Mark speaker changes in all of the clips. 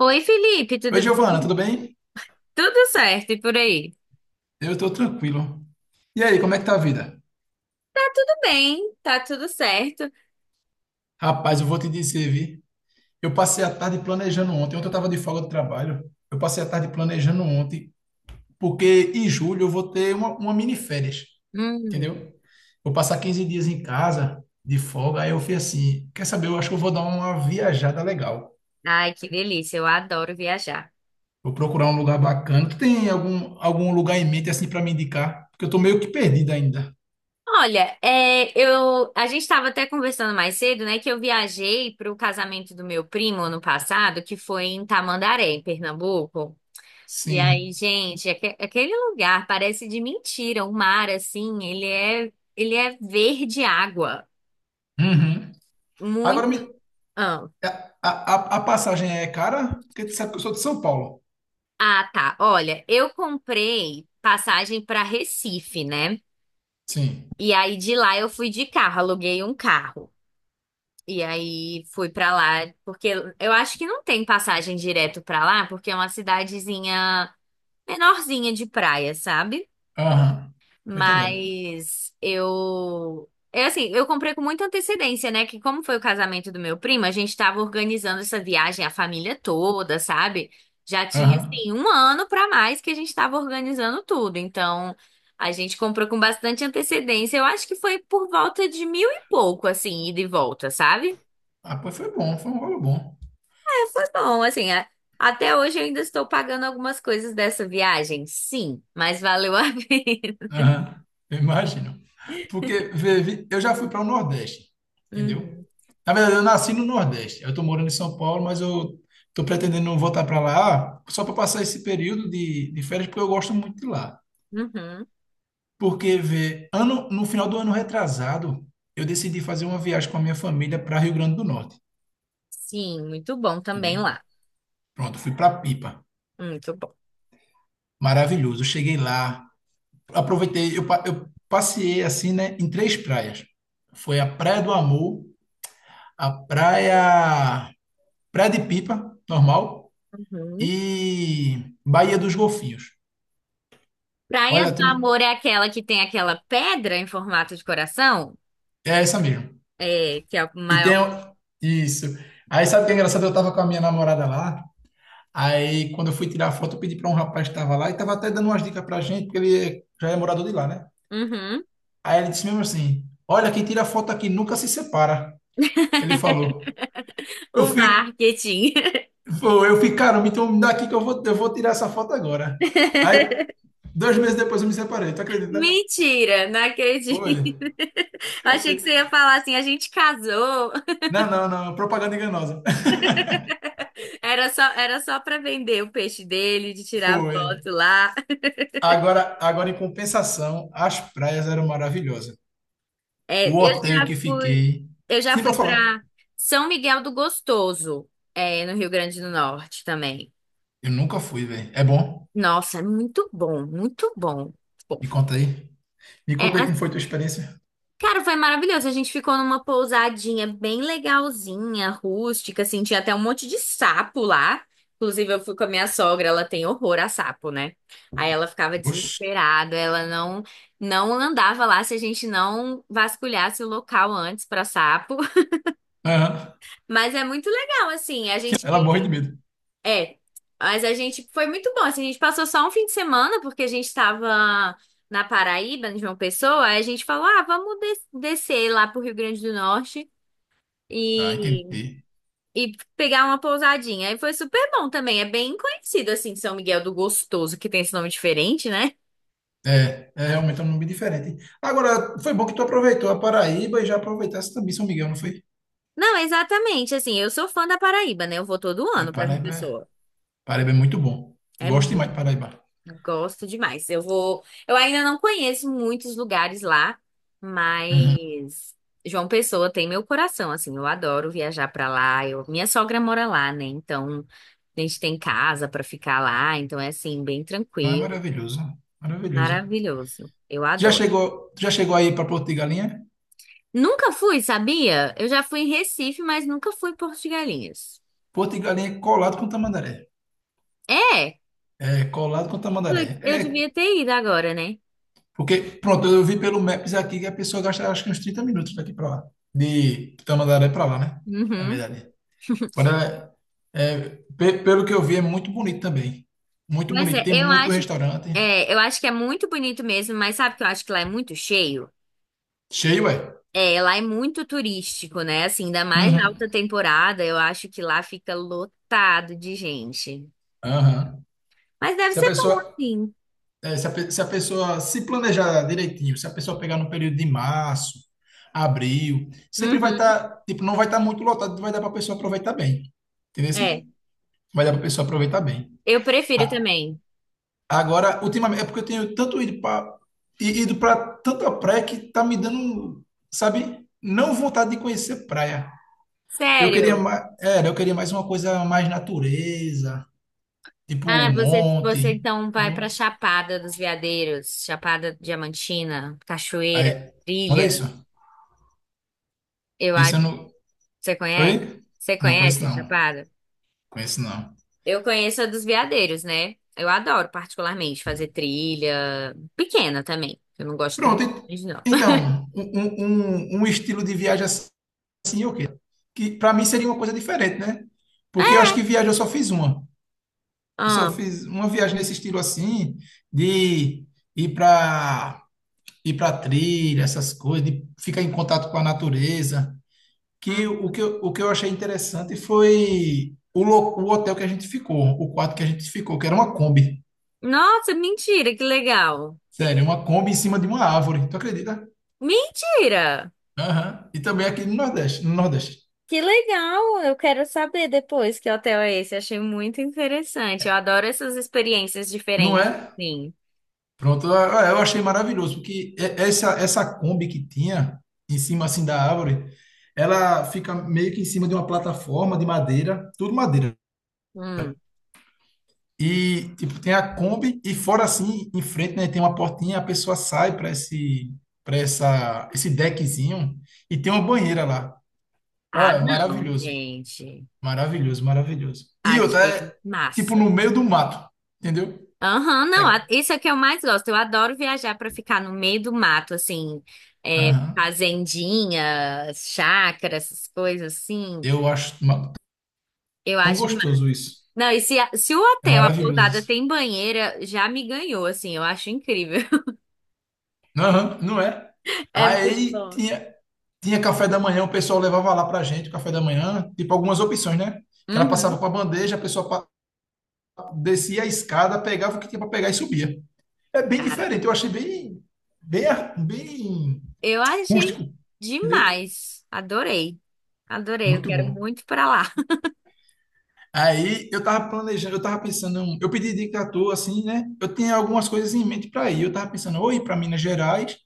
Speaker 1: Oi, Felipe,
Speaker 2: Oi,
Speaker 1: tudo
Speaker 2: Giovana,
Speaker 1: bem?
Speaker 2: tudo bem?
Speaker 1: Tudo certo e por aí?
Speaker 2: Eu tô tranquilo. E aí, como é que tá a vida?
Speaker 1: Tá tudo bem, tá tudo certo.
Speaker 2: Rapaz, eu vou te dizer, vi. Eu passei a tarde planejando ontem. Ontem eu tava de folga do trabalho. Eu passei a tarde planejando ontem, porque em julho eu vou ter uma mini férias,
Speaker 1: Hum,
Speaker 2: entendeu? Vou passar 15 dias em casa de folga. Aí eu fui assim, quer saber? Eu acho que eu vou dar uma viajada legal.
Speaker 1: ai, que delícia, eu adoro viajar.
Speaker 2: Vou procurar um lugar bacana. Tu tem algum lugar em mente assim para me indicar? Porque eu tô meio que perdido ainda.
Speaker 1: Olha, a gente estava até conversando mais cedo, né, que eu viajei para o casamento do meu primo ano passado, que foi em Tamandaré, em Pernambuco. E aí,
Speaker 2: Sim.
Speaker 1: gente, aquele lugar parece de mentira, o mar, assim, ele é verde água,
Speaker 2: Uhum. Agora me,
Speaker 1: muito...
Speaker 2: É, A, a passagem é cara? Porque tu sabe que eu sou de São Paulo.
Speaker 1: Ah, tá. Olha, eu comprei passagem para Recife, né?
Speaker 2: Sim.
Speaker 1: E aí de lá eu fui de carro, aluguei um carro. E aí fui para lá, porque eu acho que não tem passagem direto para lá, porque é uma cidadezinha menorzinha de praia, sabe?
Speaker 2: Aham. Tô entendendo.
Speaker 1: Mas eu. É assim, eu comprei com muita antecedência, né? Que como foi o casamento do meu primo, a gente tava organizando essa viagem, a família toda, sabe? Já tinha,
Speaker 2: Aham.
Speaker 1: assim, um ano pra mais que a gente tava organizando tudo. Então, a gente comprou com bastante antecedência. Eu acho que foi por volta de mil e pouco, assim, ida e volta, sabe?
Speaker 2: Ah, pois foi bom, foi um valor bom.
Speaker 1: É, foi bom, assim. Até hoje eu ainda estou pagando algumas coisas dessa viagem, sim, mas valeu a pena.
Speaker 2: Aham. Eu imagino. Porque vê, eu já fui para o Nordeste, entendeu?
Speaker 1: Uhum,
Speaker 2: Na verdade, eu nasci no Nordeste. Eu tô morando em São Paulo, mas eu tô pretendendo voltar para lá só para passar esse período de férias, porque eu gosto muito de lá.
Speaker 1: uhum.
Speaker 2: Porque vê, no final do ano retrasado, eu decidi fazer uma viagem com a minha família para Rio Grande do Norte,
Speaker 1: Sim, muito bom também
Speaker 2: entendeu?
Speaker 1: lá.
Speaker 2: Pronto, fui para Pipa.
Speaker 1: Muito bom.
Speaker 2: Maravilhoso. Eu cheguei lá, aproveitei, eu passeei assim, né, em três praias. Foi a Praia do Amor, a praia, praia de Pipa, normal,
Speaker 1: Uhum.
Speaker 2: e Baía dos Golfinhos.
Speaker 1: Praia do
Speaker 2: Olha, tu não-
Speaker 1: Amor é aquela que tem aquela pedra em formato de coração?
Speaker 2: é essa mesmo.
Speaker 1: É, que é o
Speaker 2: E tem
Speaker 1: maior.
Speaker 2: o- isso. Aí sabe o que é engraçado? Eu tava com a minha namorada lá. Aí quando eu fui tirar a foto, eu pedi para um rapaz que estava lá e tava até dando umas dicas pra gente, porque já é morador de lá, né?
Speaker 1: Uhum.
Speaker 2: Aí ele disse mesmo assim: "Olha, quem tira foto aqui nunca se separa". Ele falou. Eu
Speaker 1: O
Speaker 2: fico,
Speaker 1: marketing.
Speaker 2: eu fico, caramba, então me dá aqui que eu vou tirar essa foto agora. Aí, 2 meses depois eu me separei, tu acredita?
Speaker 1: Mentira, não acredito.
Speaker 2: Foi. Eu
Speaker 1: Achei que
Speaker 2: fui.
Speaker 1: você ia falar assim, a gente casou.
Speaker 2: Não, não, não, propaganda enganosa.
Speaker 1: Era só para vender o peixe dele, de tirar
Speaker 2: Foi.
Speaker 1: foto lá.
Speaker 2: Agora, em compensação, as praias eram maravilhosas.
Speaker 1: É,
Speaker 2: O
Speaker 1: eu
Speaker 2: hotel
Speaker 1: já
Speaker 2: que
Speaker 1: fui,
Speaker 2: fiquei.
Speaker 1: eu já
Speaker 2: Sim,
Speaker 1: fui
Speaker 2: pode
Speaker 1: para
Speaker 2: falar.
Speaker 1: São Miguel do Gostoso, é, no Rio Grande do Norte também.
Speaker 2: Eu nunca fui, velho. É bom?
Speaker 1: Nossa, é muito bom, muito bom. Bom,
Speaker 2: Me conta aí. Me conta aí como
Speaker 1: é
Speaker 2: foi tua experiência.
Speaker 1: Cara, foi maravilhoso. A gente ficou numa pousadinha bem legalzinha, rústica, assim, tinha até um monte de sapo lá. Inclusive, eu fui com a minha sogra, ela tem horror a sapo, né? Aí ela ficava
Speaker 2: Oxi.
Speaker 1: desesperada, ela não andava lá se a gente não vasculhasse o local antes pra sapo.
Speaker 2: Aham.
Speaker 1: Mas é muito legal, assim,
Speaker 2: Ela morre de medo.
Speaker 1: é, mas a gente foi muito bom, assim, a gente passou só um fim de semana porque a gente tava na Paraíba, em João Pessoa, aí a gente falou: ah, descer lá pro Rio Grande do Norte
Speaker 2: Ah,
Speaker 1: e,
Speaker 2: entendi.
Speaker 1: e pegar uma pousadinha. Aí foi super bom também. É bem conhecido, assim, São Miguel do Gostoso, que tem esse nome diferente, né?
Speaker 2: É, realmente é um nome diferente. Agora, foi bom que tu aproveitou a Paraíba e já aproveitasse também São Miguel, não foi?
Speaker 1: Não, exatamente. Assim, eu sou fã da Paraíba, né? Eu vou todo
Speaker 2: É,
Speaker 1: ano pra João
Speaker 2: Paraíba, é-
Speaker 1: Pessoa.
Speaker 2: Paraíba é muito bom. Eu
Speaker 1: É
Speaker 2: gosto demais
Speaker 1: muito.
Speaker 2: de Paraíba.
Speaker 1: Eu gosto demais. Eu vou. Eu ainda não conheço muitos lugares lá,
Speaker 2: Uhum.
Speaker 1: mas João Pessoa tem meu coração, assim. Eu adoro viajar pra lá. Minha sogra mora lá, né? Então. A gente tem casa pra ficar lá, então é assim, bem
Speaker 2: Então é
Speaker 1: tranquilo,
Speaker 2: maravilhoso, maravilhoso.
Speaker 1: maravilhoso. Eu
Speaker 2: Já
Speaker 1: adoro.
Speaker 2: chegou, já chegou aí para Porto de Galinha?
Speaker 1: Nunca fui, sabia? Eu já fui em Recife, mas nunca fui em Porto de Galinhas.
Speaker 2: Porto de Galinha é colado com Tamandaré.
Speaker 1: É,
Speaker 2: É colado com Tamandaré.
Speaker 1: putz, eu
Speaker 2: É,
Speaker 1: devia ter ido agora, né?
Speaker 2: porque, pronto, eu vi pelo Maps aqui que a pessoa gasta acho que uns 30 minutos daqui para lá. De Tamandaré para lá, né? Na
Speaker 1: Uhum.
Speaker 2: verdade. Agora, é, pelo que eu vi, é muito bonito também. Muito
Speaker 1: Pois
Speaker 2: bonito.
Speaker 1: é,
Speaker 2: Tem
Speaker 1: eu
Speaker 2: muito
Speaker 1: acho,
Speaker 2: restaurante.
Speaker 1: é, eu acho que é muito bonito mesmo, mas sabe que eu acho que lá é muito cheio?
Speaker 2: Cheio, é.
Speaker 1: É, lá é muito turístico, né? Assim, ainda mais na
Speaker 2: Uhum.
Speaker 1: alta temporada, eu acho que lá fica lotado de gente.
Speaker 2: Aham.
Speaker 1: Mas deve
Speaker 2: Se a
Speaker 1: ser bom,
Speaker 2: pessoa,
Speaker 1: sim.
Speaker 2: se a pessoa se planejar direitinho, se a pessoa pegar no período de março, abril, sempre vai
Speaker 1: Uhum.
Speaker 2: estar, tipo, não vai estar muito lotado, vai dar para a pessoa aproveitar bem. Entendeu? Assim?
Speaker 1: É,
Speaker 2: Vai dar para a pessoa aproveitar bem.
Speaker 1: eu prefiro
Speaker 2: A-
Speaker 1: também.
Speaker 2: Agora, ultimamente, é porque eu tenho tanto ido para tanta praia que tá me dando, sabe, não vontade de conhecer praia. Eu queria
Speaker 1: Sério.
Speaker 2: mais, era, eu queria mais uma coisa mais natureza, tipo
Speaker 1: Ah,
Speaker 2: um
Speaker 1: você
Speaker 2: monte,
Speaker 1: então vai pra
Speaker 2: entendeu?
Speaker 1: Chapada dos Veadeiros, Chapada Diamantina,
Speaker 2: Aí,
Speaker 1: Cachoeira,
Speaker 2: olha isso.
Speaker 1: Trilha. Eu acho
Speaker 2: Isso eu
Speaker 1: que
Speaker 2: não.
Speaker 1: você conhece.
Speaker 2: Oi?
Speaker 1: Você
Speaker 2: Não conheço
Speaker 1: conhece a
Speaker 2: não.
Speaker 1: Chapada?
Speaker 2: Conheço não.
Speaker 1: Eu conheço a dos Veadeiros, né? Eu adoro particularmente fazer trilha pequena também. Eu não gosto de
Speaker 2: Pronto.
Speaker 1: trilha, grande, não.
Speaker 2: Então, um estilo de viagem assim, o quê? Que para mim seria uma coisa diferente, né? Porque eu acho que viagem eu só fiz uma. Eu só
Speaker 1: Ah,
Speaker 2: fiz uma viagem nesse estilo assim, de ir para ir para trilha, essas coisas, de ficar em contato com a natureza. Que o
Speaker 1: hum.
Speaker 2: que eu achei interessante foi o hotel que a gente ficou, o quarto que a gente ficou, que era uma Kombi.
Speaker 1: Nossa, mentira, que legal.
Speaker 2: Sério, uma Kombi em cima de uma árvore. Tu acredita?
Speaker 1: Mentira!
Speaker 2: Aham. E também aqui no Nordeste, no Nordeste.
Speaker 1: Que legal! Eu quero saber depois que hotel é esse. Achei muito interessante. Eu adoro essas experiências
Speaker 2: Não
Speaker 1: diferentes.
Speaker 2: é?
Speaker 1: Sim.
Speaker 2: Pronto, ah, eu achei maravilhoso, porque essa Kombi que tinha em cima assim da árvore, ela fica meio que em cima de uma plataforma de madeira, tudo madeira.
Speaker 1: Hum.
Speaker 2: E, tipo, tem a Kombi e fora assim, em frente, né, tem uma portinha, a pessoa sai para esse para essa esse deckzinho e tem uma banheira lá.
Speaker 1: Ah,
Speaker 2: Olha,
Speaker 1: não,
Speaker 2: maravilhoso.
Speaker 1: gente.
Speaker 2: Maravilhoso, maravilhoso. E outra
Speaker 1: Achei
Speaker 2: é tipo
Speaker 1: massa.
Speaker 2: no meio do mato, entendeu?
Speaker 1: Aham, não, a-
Speaker 2: É,
Speaker 1: isso é que eu mais gosto. Eu adoro viajar para ficar no meio do mato, assim, é,
Speaker 2: aham.
Speaker 1: fazendinha, chácara, essas coisas assim.
Speaker 2: Eu acho
Speaker 1: Eu
Speaker 2: tão
Speaker 1: acho massa.
Speaker 2: gostoso isso.
Speaker 1: Não, se o
Speaker 2: É
Speaker 1: hotel, a
Speaker 2: maravilhoso
Speaker 1: pousada
Speaker 2: isso.
Speaker 1: tem banheira, já me ganhou, assim, eu acho incrível.
Speaker 2: Aham, não é?
Speaker 1: É muito
Speaker 2: Aí
Speaker 1: bom.
Speaker 2: tinha café da manhã, o pessoal levava lá pra gente, o café da manhã, tipo algumas opções, né? Que ela passava
Speaker 1: Uhum,
Speaker 2: com a bandeja, a pessoa descia a escada, pegava o que tinha para pegar e subia. É bem
Speaker 1: cara,
Speaker 2: diferente, eu achei bem, bem, bem
Speaker 1: eu achei
Speaker 2: rústico, entendeu?
Speaker 1: demais. Adorei, adorei. Eu
Speaker 2: Muito
Speaker 1: quero
Speaker 2: bom.
Speaker 1: muito para lá.
Speaker 2: Aí eu tava planejando, eu tava pensando, eu pedi dica à toa, assim, né? Eu tinha algumas coisas em mente para ir. Eu tava pensando, ou ir para Minas Gerais,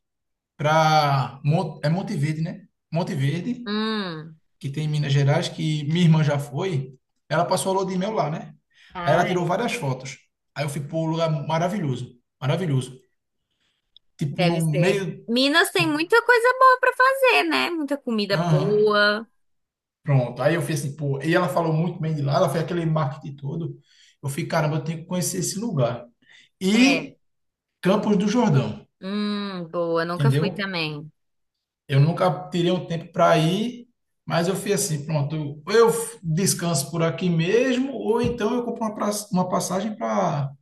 Speaker 2: para Monte Verde, né? Monte Verde,
Speaker 1: Hum.
Speaker 2: que tem em Minas Gerais, que minha irmã já foi. Ela passou a lua de mel lá, né? Aí ela tirou
Speaker 1: Ai.
Speaker 2: várias fotos. Aí eu fui pô, lugar maravilhoso, maravilhoso. Tipo, no
Speaker 1: Deve ser.
Speaker 2: meio,
Speaker 1: Minas tem
Speaker 2: no-
Speaker 1: muita coisa boa pra fazer, né? Muita comida
Speaker 2: aham.
Speaker 1: boa.
Speaker 2: Pronto. Aí eu fiz assim, pô, e ela falou muito bem de lá, ela fez aquele marketing todo. Eu fiquei, caramba, eu tenho que conhecer esse lugar.
Speaker 1: É.
Speaker 2: E Campos do Jordão,
Speaker 1: Boa. Nunca fui
Speaker 2: entendeu?
Speaker 1: também.
Speaker 2: Eu nunca tirei um tempo para ir, mas eu fiz assim, pronto, descanso por aqui mesmo, ou então eu compro uma passagem para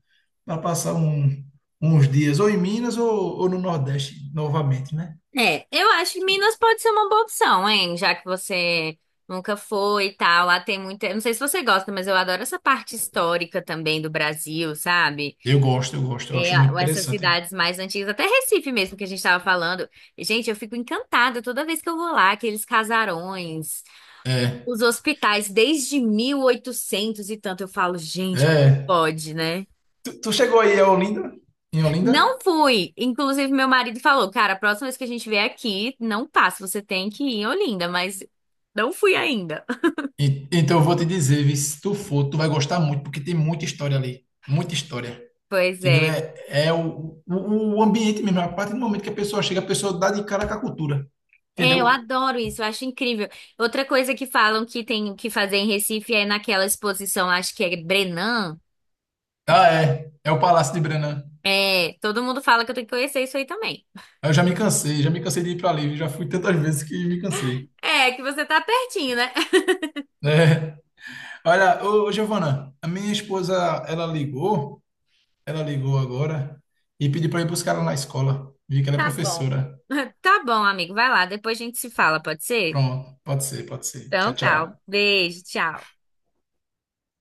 Speaker 2: passar uns dias, ou em Minas, ou no Nordeste novamente, né?
Speaker 1: É, eu acho que Minas pode ser uma boa opção, hein? Já que você nunca foi e tal. Lá tem muita. Eu não sei se você gosta, mas eu adoro essa parte histórica também do Brasil, sabe?
Speaker 2: Eu gosto, eu
Speaker 1: É,
Speaker 2: acho muito
Speaker 1: essas
Speaker 2: interessante.
Speaker 1: cidades mais antigas, até Recife mesmo, que a gente tava falando. Gente, eu fico encantada toda vez que eu vou lá, aqueles casarões. Os hospitais desde 1800 e tanto, eu falo, gente, como
Speaker 2: É.
Speaker 1: pode, né?
Speaker 2: Tu chegou aí a Olinda? Em Olinda?
Speaker 1: Não fui. Inclusive, meu marido falou, cara, a próxima vez que a gente vier aqui, não passa, você tem que ir em Olinda, mas não fui ainda.
Speaker 2: Então eu vou te dizer, vi, se tu for, tu vai gostar muito, porque tem muita história ali, muita história.
Speaker 1: Pois
Speaker 2: Entendeu?
Speaker 1: é.
Speaker 2: É, o ambiente mesmo, a partir do momento que a pessoa chega, a pessoa dá de cara com a cultura.
Speaker 1: É, eu
Speaker 2: Entendeu?
Speaker 1: adoro isso, eu acho incrível. Outra coisa que falam que tem que fazer em Recife é naquela exposição, acho que é Brenan.
Speaker 2: Ah, é. É o Palácio de Brenan.
Speaker 1: É, todo mundo fala que eu tenho que conhecer isso aí também.
Speaker 2: Eu já me cansei de ir para ali, já fui tantas vezes que me cansei.
Speaker 1: É, que você tá pertinho, né?
Speaker 2: É. Olha, ô, Giovana, a minha esposa, ela ligou, ela ligou agora e pediu para ir buscar ela na escola. Vi que ela é
Speaker 1: Tá bom.
Speaker 2: professora.
Speaker 1: Tá bom, amigo, vai lá, depois a gente se fala, pode ser?
Speaker 2: Pronto, pode ser, pode ser. Tchau,
Speaker 1: Então tá. Um
Speaker 2: tchau.
Speaker 1: beijo, tchau.